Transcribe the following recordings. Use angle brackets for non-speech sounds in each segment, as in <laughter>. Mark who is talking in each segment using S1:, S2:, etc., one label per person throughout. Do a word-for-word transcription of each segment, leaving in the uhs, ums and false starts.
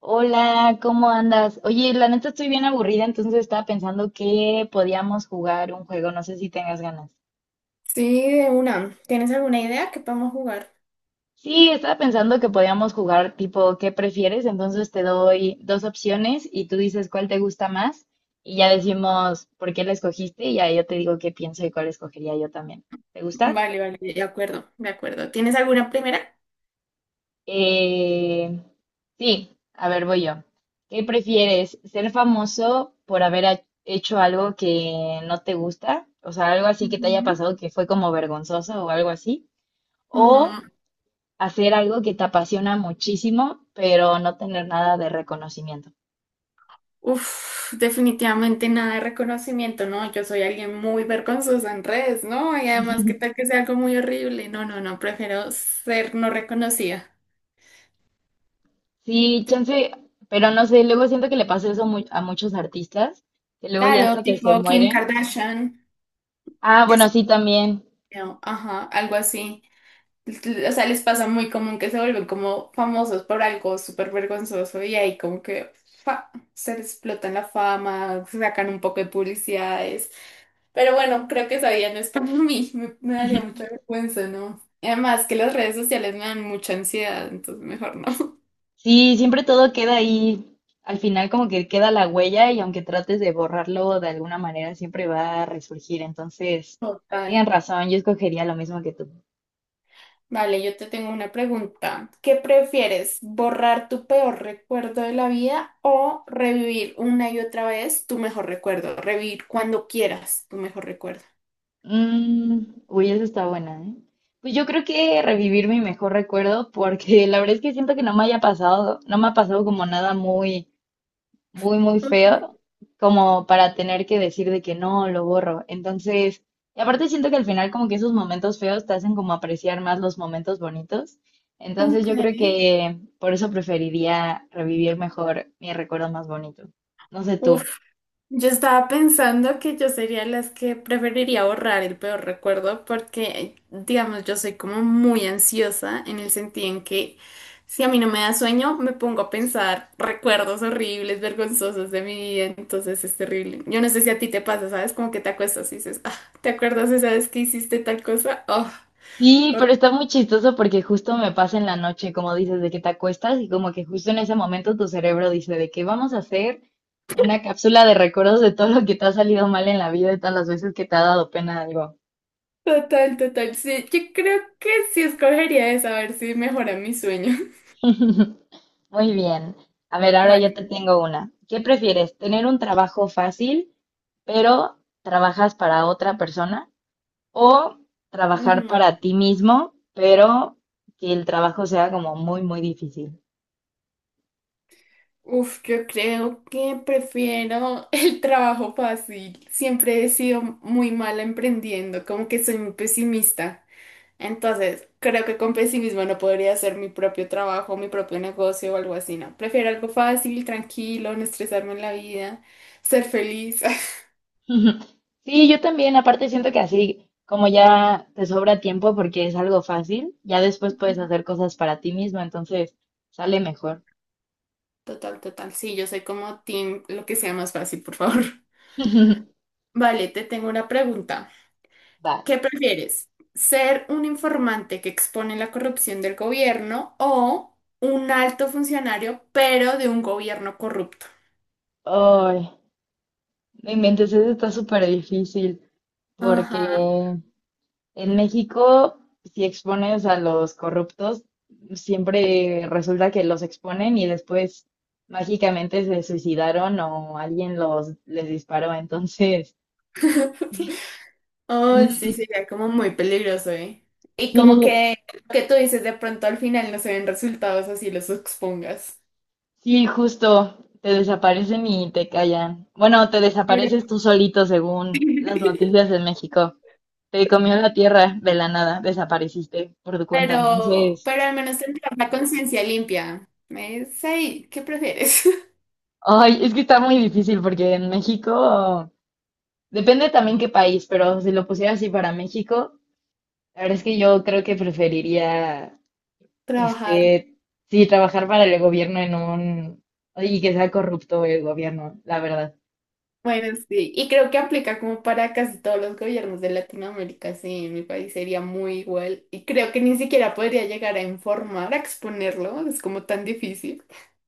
S1: Hola, ¿cómo andas? Oye, la neta estoy bien aburrida, entonces estaba pensando que podíamos jugar un juego, no sé si tengas ganas.
S2: Sí, de una. ¿Tienes alguna idea que podemos jugar?
S1: Sí, estaba pensando que podíamos jugar tipo ¿qué prefieres? Entonces te doy dos opciones y tú dices cuál te gusta más y ya decimos por qué la escogiste y ya yo te digo qué pienso y cuál escogería yo también. ¿Te gusta?
S2: Vale, vale, de acuerdo, de acuerdo. ¿Tienes alguna primera?
S1: Eh, sí, a ver, voy yo. ¿Qué prefieres? ¿Ser famoso por haber ha- hecho algo que no te gusta? O sea, algo así que te haya
S2: Ujú,
S1: pasado que fue como vergonzoso o algo así.
S2: ujú.
S1: ¿O hacer algo que te apasiona muchísimo, pero no tener nada de reconocimiento?
S2: Uf, definitivamente nada de reconocimiento, ¿no? Yo soy alguien muy vergonzosa en redes, ¿no? Y además, ¿qué tal que
S1: <laughs>
S2: sea algo muy horrible? No, no, no, prefiero ser no reconocida.
S1: Sí, chance, pero no sé, luego siento que le pasa eso mu- a muchos artistas, que luego ya
S2: Claro,
S1: hasta que se
S2: tipo Kim
S1: mueren.
S2: Kardashian,
S1: Ah,
S2: que
S1: bueno,
S2: se...
S1: sí, también.
S2: Ajá, algo así. O sea, les pasa muy común que se vuelven como famosos por algo súper vergonzoso y ahí como que fa, se les explotan la fama, sacan un poco de publicidades. Pero bueno, creo que esa vida no es para <laughs> mí, me, me daría mucha vergüenza, ¿no? Y además que las redes sociales me dan mucha ansiedad, entonces mejor no.
S1: Sí, siempre todo queda ahí. Al final como que queda la huella y aunque trates de borrarlo de alguna manera, siempre va a resurgir. Entonces,
S2: Total.
S1: tienen razón, yo escogería lo mismo que tú.
S2: Vale, yo te tengo una pregunta. ¿Qué prefieres, borrar tu peor recuerdo de la vida o revivir una y otra vez tu mejor recuerdo? Revivir cuando quieras tu mejor recuerdo.
S1: Mm, uy, esa está buena, ¿eh? Pues yo creo que revivir mi mejor recuerdo porque <laughs> la verdad es que siento que no me haya pasado, no me ha pasado como nada muy muy, muy feo como para tener que decir de que no, lo borro. Entonces, y aparte siento que al final como que esos momentos feos te hacen como apreciar más los momentos bonitos. Entonces
S2: Ok.
S1: yo creo que por eso preferiría revivir mejor mi recuerdo más bonito. No sé
S2: Ok.
S1: tú.
S2: Yo estaba pensando que yo sería las que preferiría borrar el peor recuerdo porque, digamos, yo soy como muy ansiosa en el sentido en que si a mí no me da sueño, me pongo a pensar recuerdos horribles, vergonzosos de mi vida, entonces es terrible. Yo no sé si a ti te pasa, ¿sabes? Como que te acuestas y dices, ah, ¿te acuerdas esa vez que hiciste tal cosa? Oh,
S1: Sí, pero
S2: hor-
S1: está muy chistoso porque justo me pasa en la noche, como dices, de que te acuestas y como que justo en ese momento tu cerebro dice de que vamos a hacer una cápsula de recuerdos de todo lo que te ha salido mal en la vida y todas las veces que te ha dado pena algo.
S2: total, total. Sí, yo creo que sí escogería esa, a ver si mejora mi sueño.
S1: <laughs> Muy bien. A ver, ahora yo te
S2: <laughs>
S1: tengo una. ¿Qué prefieres? ¿Tener un trabajo fácil, pero trabajas para otra persona? ¿O trabajar
S2: Vale.
S1: para ti mismo, pero que el trabajo sea como muy, muy difícil?
S2: Uf, yo creo que prefiero <laughs> el trabajo fácil. Siempre he sido muy mala emprendiendo, como que soy muy pesimista. Entonces, creo que con pesimismo no podría hacer mi propio trabajo, mi propio negocio o algo así, ¿no? Prefiero algo fácil, tranquilo, no estresarme en la vida, ser feliz. <laughs>
S1: <laughs> Sí, yo también. Aparte siento que así, como ya te sobra tiempo porque es algo fácil, ya después puedes hacer cosas para ti mismo, entonces sale mejor.
S2: Total, total. Sí, yo soy como team, lo que sea más fácil, por favor.
S1: <laughs>
S2: <laughs> Vale, te tengo una pregunta.
S1: Va.
S2: ¿Qué prefieres? ¿Ser un informante que expone la corrupción del gobierno o un alto funcionario, pero de un gobierno corrupto?
S1: Ay, no inventes, eso está súper difícil. Porque
S2: Ajá.
S1: en México, si expones a los corruptos, siempre resulta que los exponen y después mágicamente se suicidaron o alguien los les disparó. Entonces,
S2: <laughs>
S1: <laughs>
S2: Oh, sí,
S1: mm,
S2: sería como muy peligroso, ¿eh? Y como
S1: sí,
S2: que lo que tú dices, de pronto al final no se ven resultados así los expongas.
S1: sí, justo te desaparecen y te callan. Bueno, te
S2: Pero,
S1: desapareces tú solito según las noticias
S2: <laughs>
S1: de México. Te comió la tierra de la nada, desapareciste por tu cuenta.
S2: pero,
S1: Entonces,
S2: pero al menos tendrás la conciencia limpia. ¿Me dice, "Ay, ¿qué prefieres? <laughs>
S1: ay, es que está muy difícil porque en México depende también qué país, pero si lo pusiera así para México, la verdad es que yo creo que preferiría,
S2: ¿Trabajar
S1: este, sí, trabajar para el gobierno en un, y que sea corrupto el gobierno, la verdad.
S2: Bueno, sí, y creo que aplica como para casi todos los gobiernos de Latinoamérica, sí, en mi país sería muy igual, y creo que ni siquiera podría llegar a informar, a exponerlo, es como tan difícil,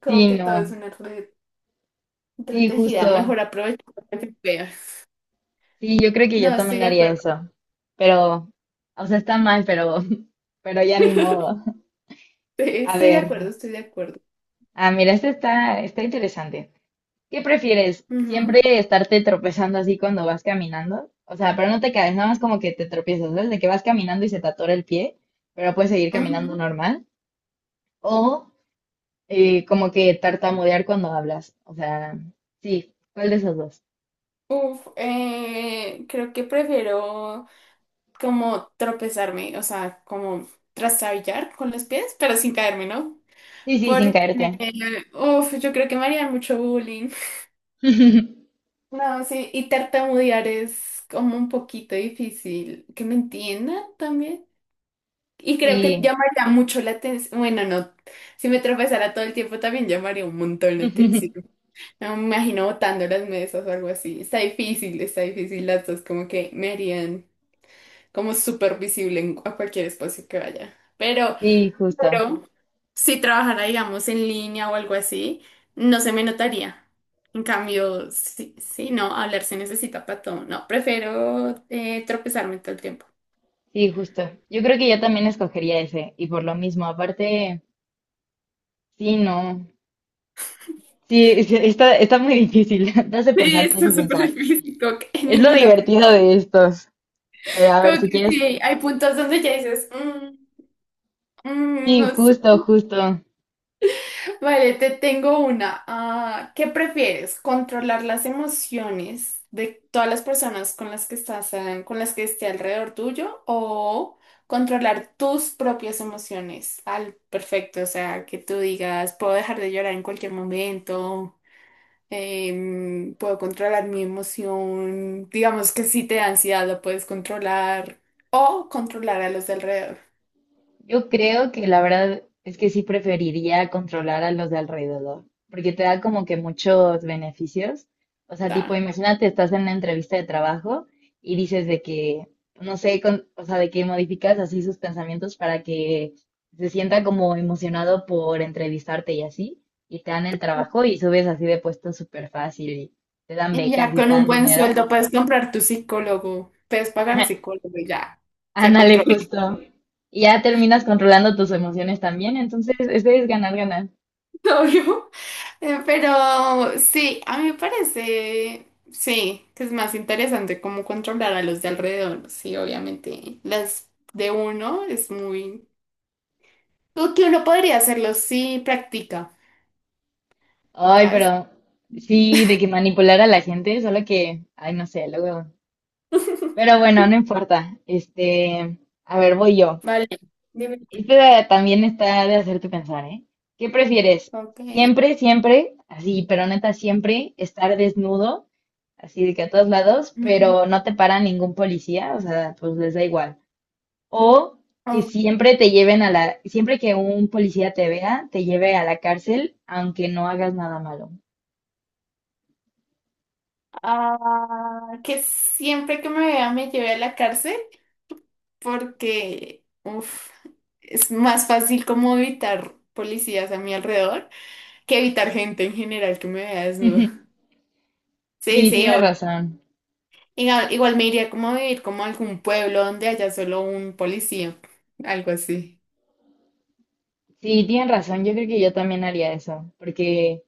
S2: creo
S1: Sí,
S2: que todo es
S1: no,
S2: una red
S1: sí,
S2: entretejida,
S1: justo.
S2: mejor aprovechar lo que se pueda.
S1: Sí, yo creo que yo
S2: No, estoy
S1: también
S2: de
S1: haría
S2: acuerdo,
S1: eso. Pero, o sea, está mal, pero, <laughs> pero ya ni modo.
S2: <laughs>
S1: A
S2: estoy de
S1: ver,
S2: acuerdo, estoy de acuerdo.
S1: ah, mira, este está, está interesante. ¿Qué prefieres?
S2: Ujú,
S1: ¿Siempre estarte tropezando así cuando vas caminando? O sea, pero no te caes, nada más como que te tropiezas, ¿sabes? De que vas caminando y se te atora el pie, pero puedes seguir caminando
S2: ujú.
S1: normal. O eh, como que tartamudear cuando hablas. O sea, sí, ¿cuál de esos dos?
S2: Uf, eh, creo que prefiero como tropezarme, o sea, como trastabillar con los pies, pero sin caerme, ¿no?
S1: Sí, sí, sin
S2: Porque
S1: caerte.
S2: uf, yo creo que me harían mucho bullying.
S1: <laughs>
S2: No, sí, y tartamudear es como un poquito difícil que me entiendan también. Y creo que
S1: Sí,
S2: llamaría mucho la atención. Bueno, no, si me tropezara todo el tiempo también llamaría un montón la atención.
S1: <laughs>
S2: No, me imagino botando las mesas o algo así. Está difícil, está difícil. Las dos como que me harían como súper visible en- a cualquier espacio que vaya. Pero,
S1: sí, justo,
S2: pero si trabajara, digamos, en línea o algo así, no se me notaría. En cambio, sí, sí, no, hablar se necesita para todo. No, prefiero eh, tropezarme todo el tiempo. <laughs>
S1: sí, justo. Yo creo que yo también escogería ese, y por lo mismo, aparte, sí, no. Sí, es- está, está muy difícil. <laughs> Te hace
S2: Sí,
S1: pensar, te
S2: esto
S1: hace
S2: es súper
S1: pensar.
S2: difícil, como que en
S1: Es lo
S2: ninguna.
S1: divertido de estos. Pero a ver,
S2: Como
S1: si
S2: que
S1: quieres.
S2: sí, hay puntos donde ya dices, "Mm, mm,
S1: Sí,
S2: no sé.
S1: justo, justo.
S2: Vale, te tengo una. Ah, ¿qué prefieres? ¿Controlar las emociones de todas las personas con las que estás, ah, con las que esté alrededor tuyo o controlar tus propias emociones al perfecto? O sea, que tú digas, puedo dejar de llorar en cualquier momento, em, puedo controlar mi emoción, digamos que si te da ansiedad lo puedes controlar o controlar a los de alrededor.
S1: Yo creo que la verdad es que sí preferiría controlar a los de alrededor, porque te da como que muchos beneficios. O sea, tipo, imagínate, estás en una entrevista de trabajo y dices de que, no sé, con- o sea, de que modificas así sus pensamientos para que se sienta como emocionado por entrevistarte y así, y te dan el trabajo y subes así de puesto súper fácil y te dan
S2: Y
S1: becas
S2: ya
S1: y
S2: con
S1: te
S2: un
S1: dan
S2: buen
S1: dinero.
S2: sueldo puedes comprar tu psicólogo, puedes pagar
S1: <laughs>
S2: psicólogo, y ya, ya
S1: Ándale,
S2: controlas,
S1: justo. Y ya terminas controlando tus emociones también, entonces ese es ganar, ganar.
S2: <laughs> obvio. Eh, Pero sí, a mí me parece, sí, que es más interesante cómo controlar a los de alrededor. Sí, obviamente, las de uno es muy... Lo que uno podría hacerlo si practica,
S1: Ay,
S2: ¿sabes?
S1: pero sí, de que manipular a la gente, solo que, ay, no sé, luego. Pero
S2: <laughs>
S1: bueno, no importa. Este, a ver, voy yo.
S2: Vale, dime.
S1: Este también está de hacerte pensar, ¿eh? ¿Qué prefieres?
S2: Ok.
S1: Siempre, siempre, así, pero neta, siempre estar desnudo, así de que a todos lados,
S2: Ujú.
S1: pero no te para ningún policía, o sea, pues les da igual. O que
S2: Ok.
S1: siempre te lleven a la, siempre que un policía te vea, te lleve a la cárcel, aunque no hagas nada malo.
S2: Ah, que siempre que me vea me lleve a la cárcel. Porque uf, es más fácil como evitar policías a mi alrededor que evitar gente en general que me vea desnuda.
S1: <laughs>
S2: Sí,
S1: Sí,
S2: sí,
S1: tienes
S2: o-
S1: razón.
S2: igual, igual me iría como a vivir como a algún pueblo donde haya solo un policía, algo así.
S1: Sí, tienes razón. Yo creo que yo también haría eso, porque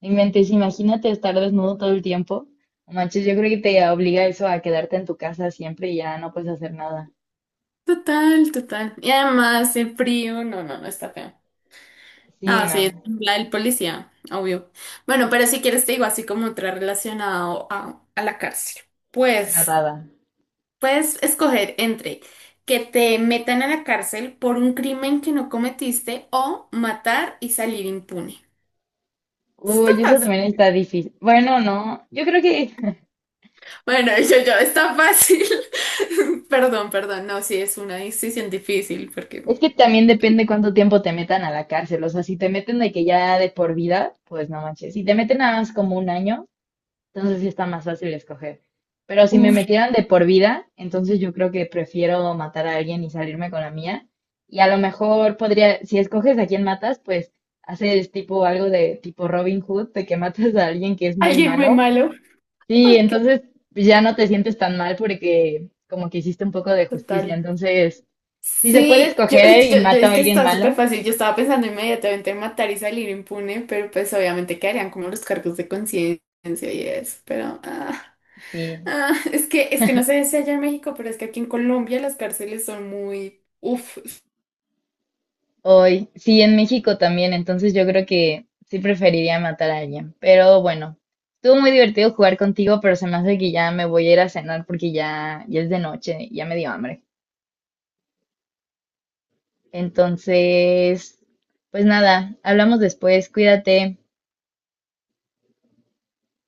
S1: en mente, si imagínate estar desnudo todo el tiempo. No manches, yo creo que te obliga eso a quedarte en tu casa siempre y ya no puedes hacer nada.
S2: Total, total. Y además el frío, no, no, no está feo.
S1: Sí,
S2: Ah, sí, es
S1: no,
S2: la del policía, obvio. Bueno, pero si quieres te digo así como otra relacionado a, a la cárcel. Pues.
S1: nada.
S2: Puedes escoger entre que te metan a la cárcel por un crimen que no cometiste o matar y salir impune. Está
S1: Uy, eso
S2: fácil.
S1: también está difícil. Bueno, no, yo creo que
S2: Bueno, <laughs> yo, yo, está fácil. <laughs> Perdón, perdón. No, sí, es una decisión difícil porque...
S1: es que también depende cuánto tiempo te metan a la cárcel. O sea, si te meten de que ya de por vida, pues no manches. Si te meten nada más como un año, entonces sí está más fácil escoger. Pero si me
S2: Uf,
S1: metieran de por vida, entonces yo creo que prefiero matar a alguien y salirme con la mía. Y a lo mejor podría, si escoges a quién matas, pues haces tipo algo de tipo Robin Hood, de que matas a alguien que es muy
S2: alguien muy
S1: malo.
S2: malo.
S1: Sí,
S2: Ok,
S1: entonces ya no te sientes tan mal porque como que hiciste un poco de justicia.
S2: total.
S1: Entonces, si se puede
S2: Sí, yo,
S1: escoger
S2: yo,
S1: eh, y
S2: yo-
S1: mato
S2: es
S1: a
S2: que
S1: alguien
S2: está súper
S1: malo,
S2: fácil. Yo estaba pensando inmediatamente en matar y salir impune, pero pues obviamente quedarían como los cargos de conciencia y eso, pero... ah.
S1: sí.
S2: Ah, es que, es que no sé si allá en México, pero es que aquí en Colombia las cárceles son muy, uff,
S1: Hoy, sí, en México también, entonces yo creo que sí preferiría matar a alguien. Pero bueno, estuvo muy divertido jugar contigo, pero se me hace que ya me voy a ir a cenar porque ya, ya es de noche y ya me dio hambre. Entonces, pues nada, hablamos después, cuídate.